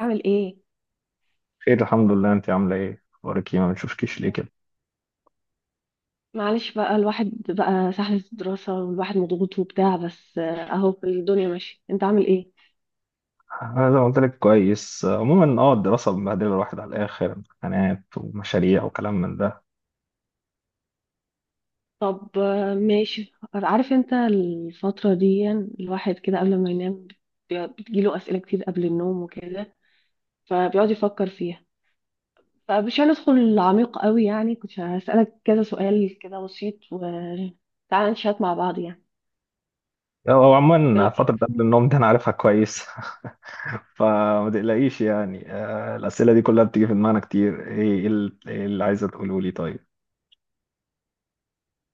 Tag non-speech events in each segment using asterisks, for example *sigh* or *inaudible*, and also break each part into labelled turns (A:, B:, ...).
A: اعمل ايه؟
B: خير، الحمد لله. انت عامله ايه؟ اخبارك ايه؟ ما بنشوفكيش ليه كده؟
A: معلش بقى الواحد بقى سحلة الدراسة، والواحد مضغوط وبتاع، بس اهو الدنيا ماشية. انت عامل ايه؟
B: انا زي ما قلت لك كويس. عموما الدراسه مبهدله الواحد على الاخر، امتحانات ومشاريع وكلام من ده.
A: طب، ماشي. عارف انت الفترة دي الواحد كده قبل ما ينام بتجيله اسئلة كتير قبل النوم وكده، فبيقعد يفكر فيها. فمش هندخل عميق قوي، يعني كنت هسألك كذا سؤال كده بسيط، وتعالى نشات مع بعض يعني.
B: او
A: ايه
B: عموما
A: رأيك؟
B: فتره قبل النوم دي انا عارفها كويس. *laughs* فما تقلقيش يعني. الاسئله دي كلها بتيجي في دماغنا كتير. ايه اللي عايزه تقوله لي؟ طيب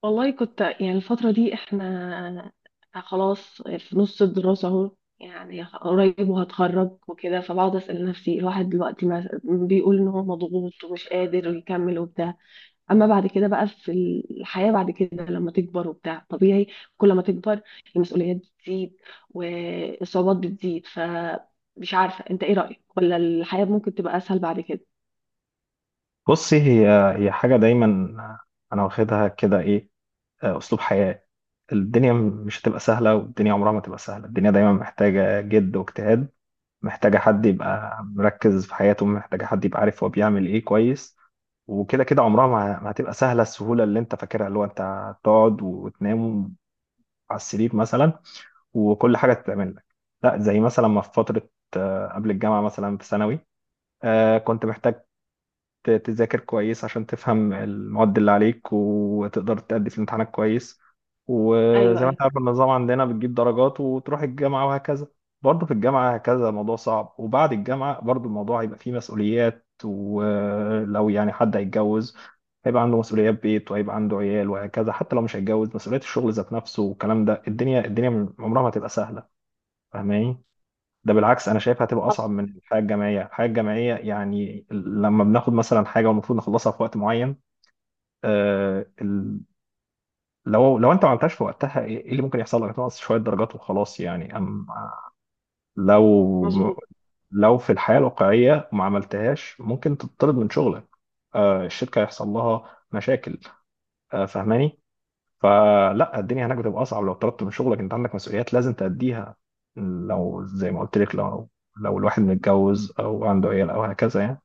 A: والله كنت يعني الفترة دي احنا خلاص في نص الدراسة اهو، يعني قريب وهتخرج وكده، فبقعد أسأل نفسي الواحد دلوقتي بيقول ان هو مضغوط ومش قادر يكمل وبتاع. اما بعد كده بقى في الحياة بعد كده لما تكبر وبتاع طبيعي، كل ما تكبر المسؤوليات بتزيد والصعوبات بتزيد، فمش عارفة انت ايه رأيك، ولا الحياة ممكن تبقى اسهل بعد كده؟
B: بصي، هي حاجه دايما انا واخدها كده، ايه، اسلوب حياه. الدنيا مش هتبقى سهله، والدنيا عمرها ما تبقى سهله. الدنيا دايما محتاجه جد واجتهاد، محتاجة حد يبقى مركز في حياته، محتاجة حد يبقى عارف هو بيعمل ايه كويس. وكده كده عمرها ما هتبقى سهلة. السهولة اللي انت فاكرها اللي هو انت تقعد وتنام على السرير مثلا وكل حاجة تتعمل لك، لا. زي مثلا ما في فترة قبل الجامعة مثلا في ثانوي، كنت محتاج تذاكر كويس عشان تفهم المواد اللي عليك وتقدر تأدي في الامتحانات كويس.
A: ايوه،
B: وزي ما انت
A: ايوه.
B: عارف النظام عندنا بتجيب درجات وتروح الجامعة وهكذا. برضه في الجامعة هكذا الموضوع صعب، وبعد الجامعة برضه الموضوع هيبقى فيه مسؤوليات، ولو يعني حد هيتجوز هيبقى عنده مسؤوليات بيت وهيبقى عنده عيال وهكذا. حتى لو مش هيتجوز مسؤوليات الشغل ذات نفسه والكلام ده، الدنيا عمرها ما تبقى سهلة. فاهماني؟ ده بالعكس، انا شايفها هتبقى اصعب
A: حصل.
B: من الحياه الجامعيه. الحياه الجامعيه يعني لما بناخد مثلا حاجه والمفروض نخلصها في وقت معين، آه ال- لو انت ما عملتهاش في وقتها إيه اللي ممكن يحصل لك؟ تنقص شويه درجات وخلاص يعني. اما لو
A: مظبوط.
B: لو في الحياه الواقعيه ما عملتهاش ممكن تطرد من شغلك، الشركه يحصل لها مشاكل، فاهماني؟ فلا، الدنيا هناك بتبقى اصعب. لو طردت من شغلك انت عندك مسؤوليات لازم تأديها، لو زي ما قلت لك، لو الواحد متجوز او عنده عيال او هكذا يعني.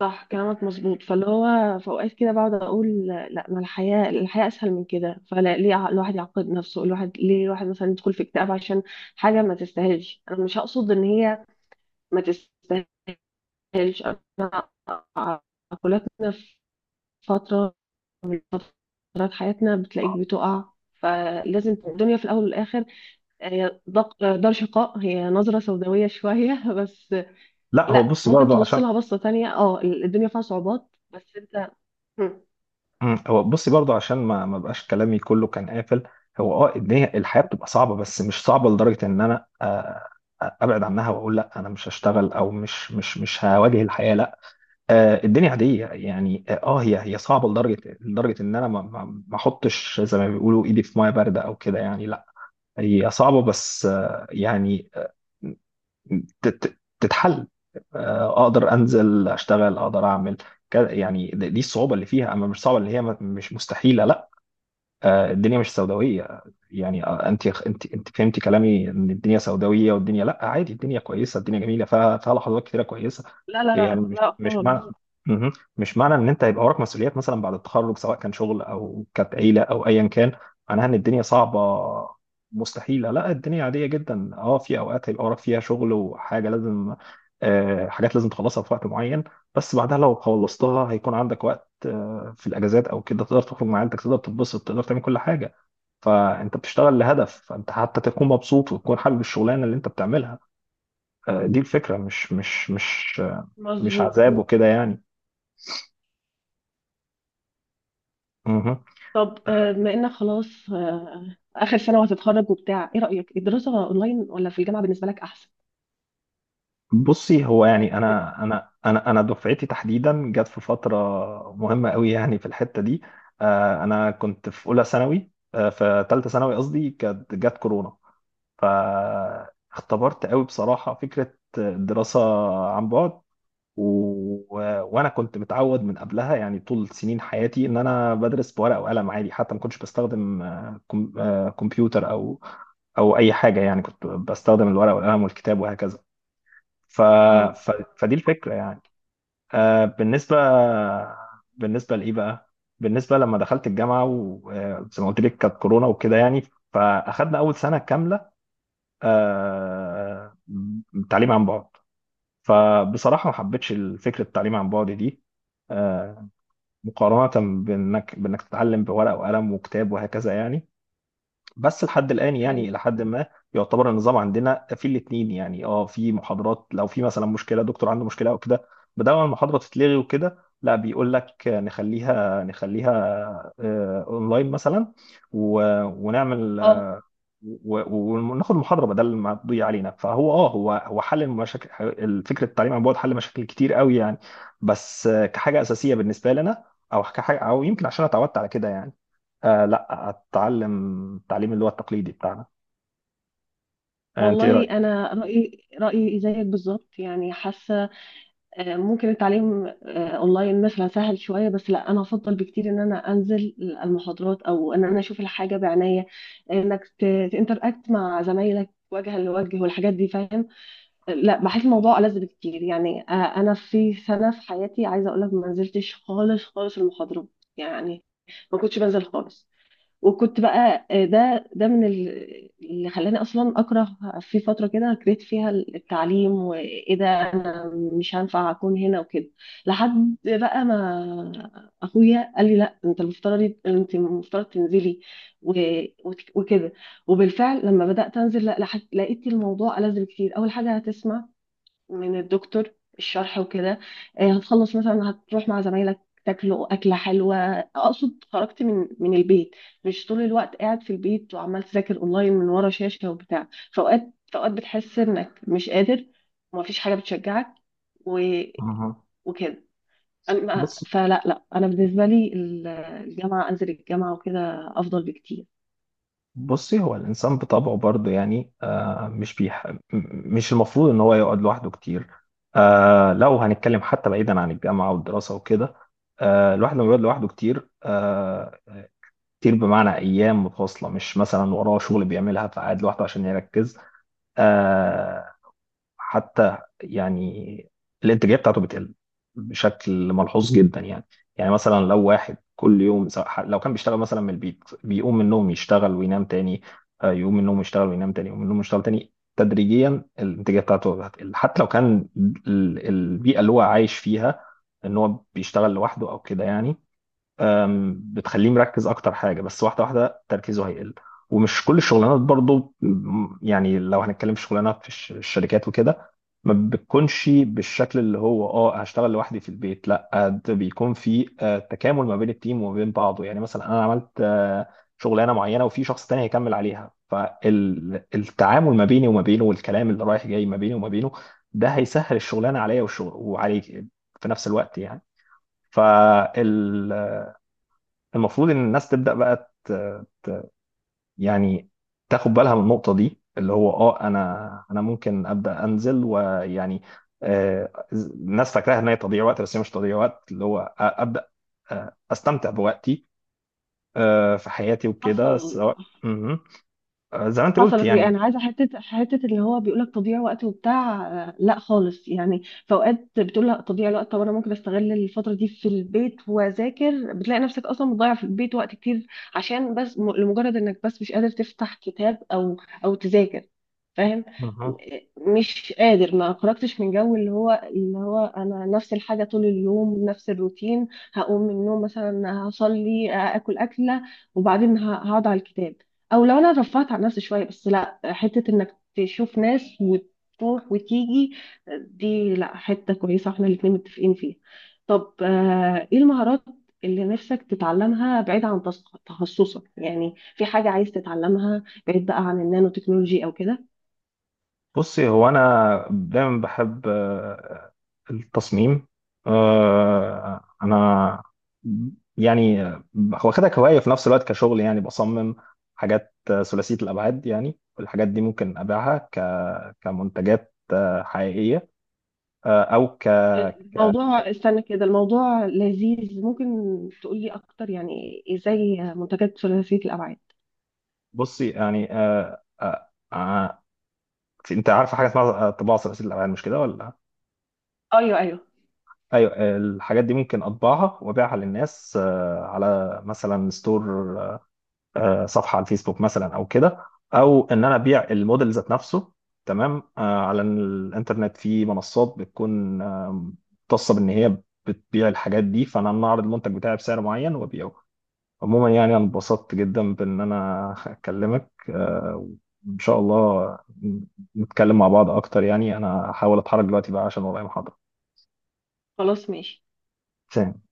A: صح كلامك، مظبوط. فاللي هو في اوقات كده بقعد اقول: لا، ما الحياه اسهل من كده. فلا، ليه الواحد يعقد نفسه؟ الواحد ليه الواحد مثلا يدخل في اكتئاب عشان حاجه ما تستاهلش؟ انا مش هقصد ان هي ما تستاهلش، انا عقلاتنا في فتره من فترات حياتنا بتلاقيك بتقع. فلازم الدنيا في الاول والاخر، هي دار شقاء، هي نظره سوداويه شويه *laughs* بس.
B: لا، هو
A: لا،
B: بص
A: ممكن
B: برضه
A: تبص
B: عشان
A: لها بصه تانية، الدنيا فيها صعوبات بس انت.
B: هو بصي برضه عشان ما بقاش كلامي كله كان قافل. هو اه ان هي الحياه بتبقى صعبه، بس مش صعبه لدرجه ان انا ابعد عنها واقول لا انا مش هشتغل او مش هواجه الحياه، لا. الدنيا عاديه يعني. اه هي صعبه لدرجه ان انا ما احطش زي ما بيقولوا ايدي في ميه بارده او كده يعني، لا. هي صعبه بس يعني آه، تتحل. اقدر انزل اشتغل، اقدر اعمل كده يعني. دي الصعوبه اللي فيها، اما مش صعبه اللي هي مش مستحيله، لا. الدنيا مش سوداويه يعني. انت فهمتي كلامي ان الدنيا سوداويه، والدنيا، لا، عادي. الدنيا كويسه، الدنيا جميله فيها، لحظات كتيره كويسه
A: لا لا
B: يعني.
A: لا
B: مش
A: لا
B: مش
A: خالص.
B: معنى، مش معنى ان انت هيبقى وراك مسؤوليات مثلا بعد التخرج، سواء كان شغل او كانت عيله او ايا كان، معناها ان الدنيا صعبه مستحيله، لا. الدنيا عاديه جدا. اه في اوقات هيبقى وراك فيها شغل وحاجه لازم، حاجات لازم تخلصها في وقت معين. بس بعدها لو خلصتها هيكون عندك وقت في الاجازات او كده، تقدر تخرج مع عيلتك، تقدر تتبسط، تقدر تعمل كل حاجه. فانت بتشتغل لهدف، فانت حتى تكون مبسوط وتكون حابب الشغلانه اللي انت بتعملها. دي الفكره، مش
A: مظبوط.
B: عذاب وكده يعني. مهم.
A: طب، بما انك خلاص اخر سنه وهتتخرج وبتاع، ايه رايك، الدراسه اونلاين ولا في الجامعه بالنسبه لك احسن؟
B: بصي هو
A: لك.
B: يعني انا دفعتي تحديدا جت في فتره مهمه قوي يعني، في الحته دي انا كنت في اولى ثانوي، في ثالثه ثانوي قصدي، كانت جت كورونا. فاختبرت قوي بصراحه فكره الدراسه عن بعد. و... وانا كنت متعود من قبلها يعني طول سنين حياتي ان انا بدرس بورقه وقلم عادي. حتى ما كنتش بستخدم آه، كم... آه، كمبيوتر او او اي حاجه. يعني كنت بستخدم الورقه والقلم والكتاب وهكذا. ف...
A: اه.
B: ف... فدي الفكره يعني آه، بالنسبه بالنسبه لايه بقى؟ بالنسبه لما دخلت الجامعه وزي ما قلت لك كانت كورونا وكده يعني، فاخدنا اول سنه كامله آه، تعليم عن بعد. فبصراحة ما حبيتش فكرة التعليم عن بعد دي، آه، مقارنة بإنك تتعلم بورقة وقلم وكتاب وهكذا يعني. بس لحد الآن
A: حلو.
B: يعني إلى حد ما يعتبر النظام عندنا في الاتنين يعني. اه في محاضرات لو في مثلا مشكلة دكتور عنده مشكلة أو كده، بدل ما المحاضرة تتلغي وكده، لا، بيقول لك نخليها، أونلاين مثلا، ونعمل
A: اه،
B: وناخد محاضرة بدل ما تضيع علينا. فهو اه هو حل المشاكل. فكرة التعليم عن بعد حل مشاكل كتير قوي يعني. بس كحاجة أساسية بالنسبة لنا أو كحاجة، أو يمكن عشان أنا اتعودت على كده يعني، آه لا، اتعلم التعليم اللي هو التقليدي بتاعنا. آه انت ايه
A: والله
B: رايك؟
A: انا رايي زيك بالظبط، يعني حاسه ممكن التعليم اونلاين مثلا سهل شويه، بس لا، انا افضل بكتير ان انا انزل المحاضرات، او ان انا اشوف الحاجه بعناية، انك تنتراكت مع زمايلك وجها لوجه والحاجات دي، فاهم. لا، بحس الموضوع ألذ بكتير، يعني انا في سنه في حياتي عايزه اقول لك ما نزلتش خالص خالص المحاضرات، يعني ما كنتش بنزل خالص. وكنت بقى ده من اللي خلاني اصلا اكره في فتره كده، كرهت فيها التعليم وايه ده، انا مش هينفع اكون هنا وكده. لحد بقى ما اخويا قال لي: لا، انت المفترض انت المفترض تنزلي وكده. وبالفعل لما بدات انزل، لا، لقيت الموضوع ألذ بكتير. اول حاجه، هتسمع من الدكتور الشرح وكده، هتخلص مثلا هتروح مع زمايلك تاكلوا أكلة حلوة، أقصد خرجت من البيت، مش طول الوقت قاعد في البيت وعمال تذاكر أونلاين من ورا شاشة وبتاع. فأوقات فأوقات بتحس إنك مش قادر، ومفيش حاجة بتشجعك و...
B: مهم.
A: وكده. أما
B: بص،
A: فلا، لا، أنا بالنسبة لي الجامعة، أنزل الجامعة وكده أفضل بكتير.
B: بصي هو الانسان بطبعه برضه يعني آه مش بيح... م- مش المفروض ان هو يقعد لوحده كتير. لو هنتكلم حتى بعيدا عن الجامعه والدراسه وكده، الواحد لما بيقعد لوحده كتير، كتير بمعنى ايام متواصله مش مثلا وراه شغل بيعملها فقاعد لوحده عشان يركز، آه حتى يعني الانتاجيه بتاعته بتقل بشكل ملحوظ جدا يعني. يعني مثلا لو واحد كل يوم، سواء لو كان بيشتغل مثلا من البيت، بيقوم من النوم يشتغل وينام تاني، يقوم من النوم يشتغل وينام تاني، يقوم من النوم يشتغل تاني، تدريجيا الانتاجيه بتاعته هتقل. حتى لو كان البيئه اللي هو عايش فيها ان هو بيشتغل لوحده او كده يعني، بتخليه مركز اكتر، حاجه بس واحده، تركيزه هيقل. ومش كل الشغلانات برضو، يعني لو هنتكلم في شغلانات في الشركات وكده ما بتكونش بالشكل اللي هو اه هشتغل لوحدي في البيت، لا، ده بيكون في تكامل ما بين التيم وما بين بعضه. يعني مثلا انا عملت شغلانه معينه وفي شخص تاني هيكمل عليها، فالتعامل ما بيني وما بينه والكلام اللي رايح جاي ما بيني وما بينه ده هيسهل الشغلانه عليا والشغل وعليك في نفس الوقت يعني. فال المفروض ان الناس تبدا بقى، ت... يعني تاخد بالها من النقطه دي اللي هو اه، انا ممكن ابدا انزل ويعني. الناس فاكراها ان هي تضييع وقت، بس هي مش تضييع وقت، اللي هو ابدا، استمتع بوقتي في حياتي وكده
A: حصل.
B: سواء. مهم. زي ما انت قلت
A: حصلت ايه؟
B: يعني.
A: انا عايزه حته اللي هو بيقول لك تضييع وقت وبتاع، لا خالص. يعني في اوقات بتقول لا تضييع الوقت، طب انا ممكن استغل الفتره دي في البيت واذاكر، بتلاقي نفسك اصلا مضيع في البيت وقت كتير عشان بس لمجرد انك بس مش قادر تفتح كتاب او او تذاكر، فاهم.
B: مهم.
A: مش قادر ما خرجتش من جو اللي هو انا نفس الحاجه طول اليوم نفس الروتين، هقوم من النوم مثلا هصلي اكل اكله، وبعدين هقعد على الكتاب. او لو انا رفعت عن نفسي شويه، بس لا، حته انك تشوف ناس وتروح وتيجي، دي لا، حته كويسه احنا الاتنين متفقين فيها. طب، ايه المهارات اللي نفسك تتعلمها بعيد عن تخصصك؟ يعني في حاجه عايز تتعلمها بعيد بقى عن النانو تكنولوجي او كده؟
B: بصي هو انا دايما بحب التصميم، انا يعني هو خدها كهوايه في نفس الوقت كشغل يعني. بصمم حاجات ثلاثيه الابعاد يعني، والحاجات دي ممكن ابيعها كمنتجات حقيقيه، او ك.
A: الموضوع، استنى كده، الموضوع لذيذ، ممكن تقولي اكتر؟ يعني ازاي منتجات ثلاثية الابعاد؟
B: بصي يعني انت عارفه حاجه اسمها طباعه ثلاثيه الابعاد، مش كده ولا؟
A: ايوه، ايوه.
B: ايوه، الحاجات دي ممكن اطبعها وابيعها للناس على مثلا ستور، صفحه على الفيسبوك مثلا او كده، او ان انا ابيع الموديل ذات نفسه تمام، على الانترنت في منصات بتكون مختصه بان هي بتبيع الحاجات دي. فانا اعرض المنتج بتاعي بسعر معين وابيعه. عموما يعني انا انبسطت جدا بان انا اكلمك، وان شاء الله نتكلم مع بعض اكتر يعني. انا هحاول اتحرك دلوقتي بقى عشان ورايا محاضره.
A: خلاص، ماشي.
B: سلام.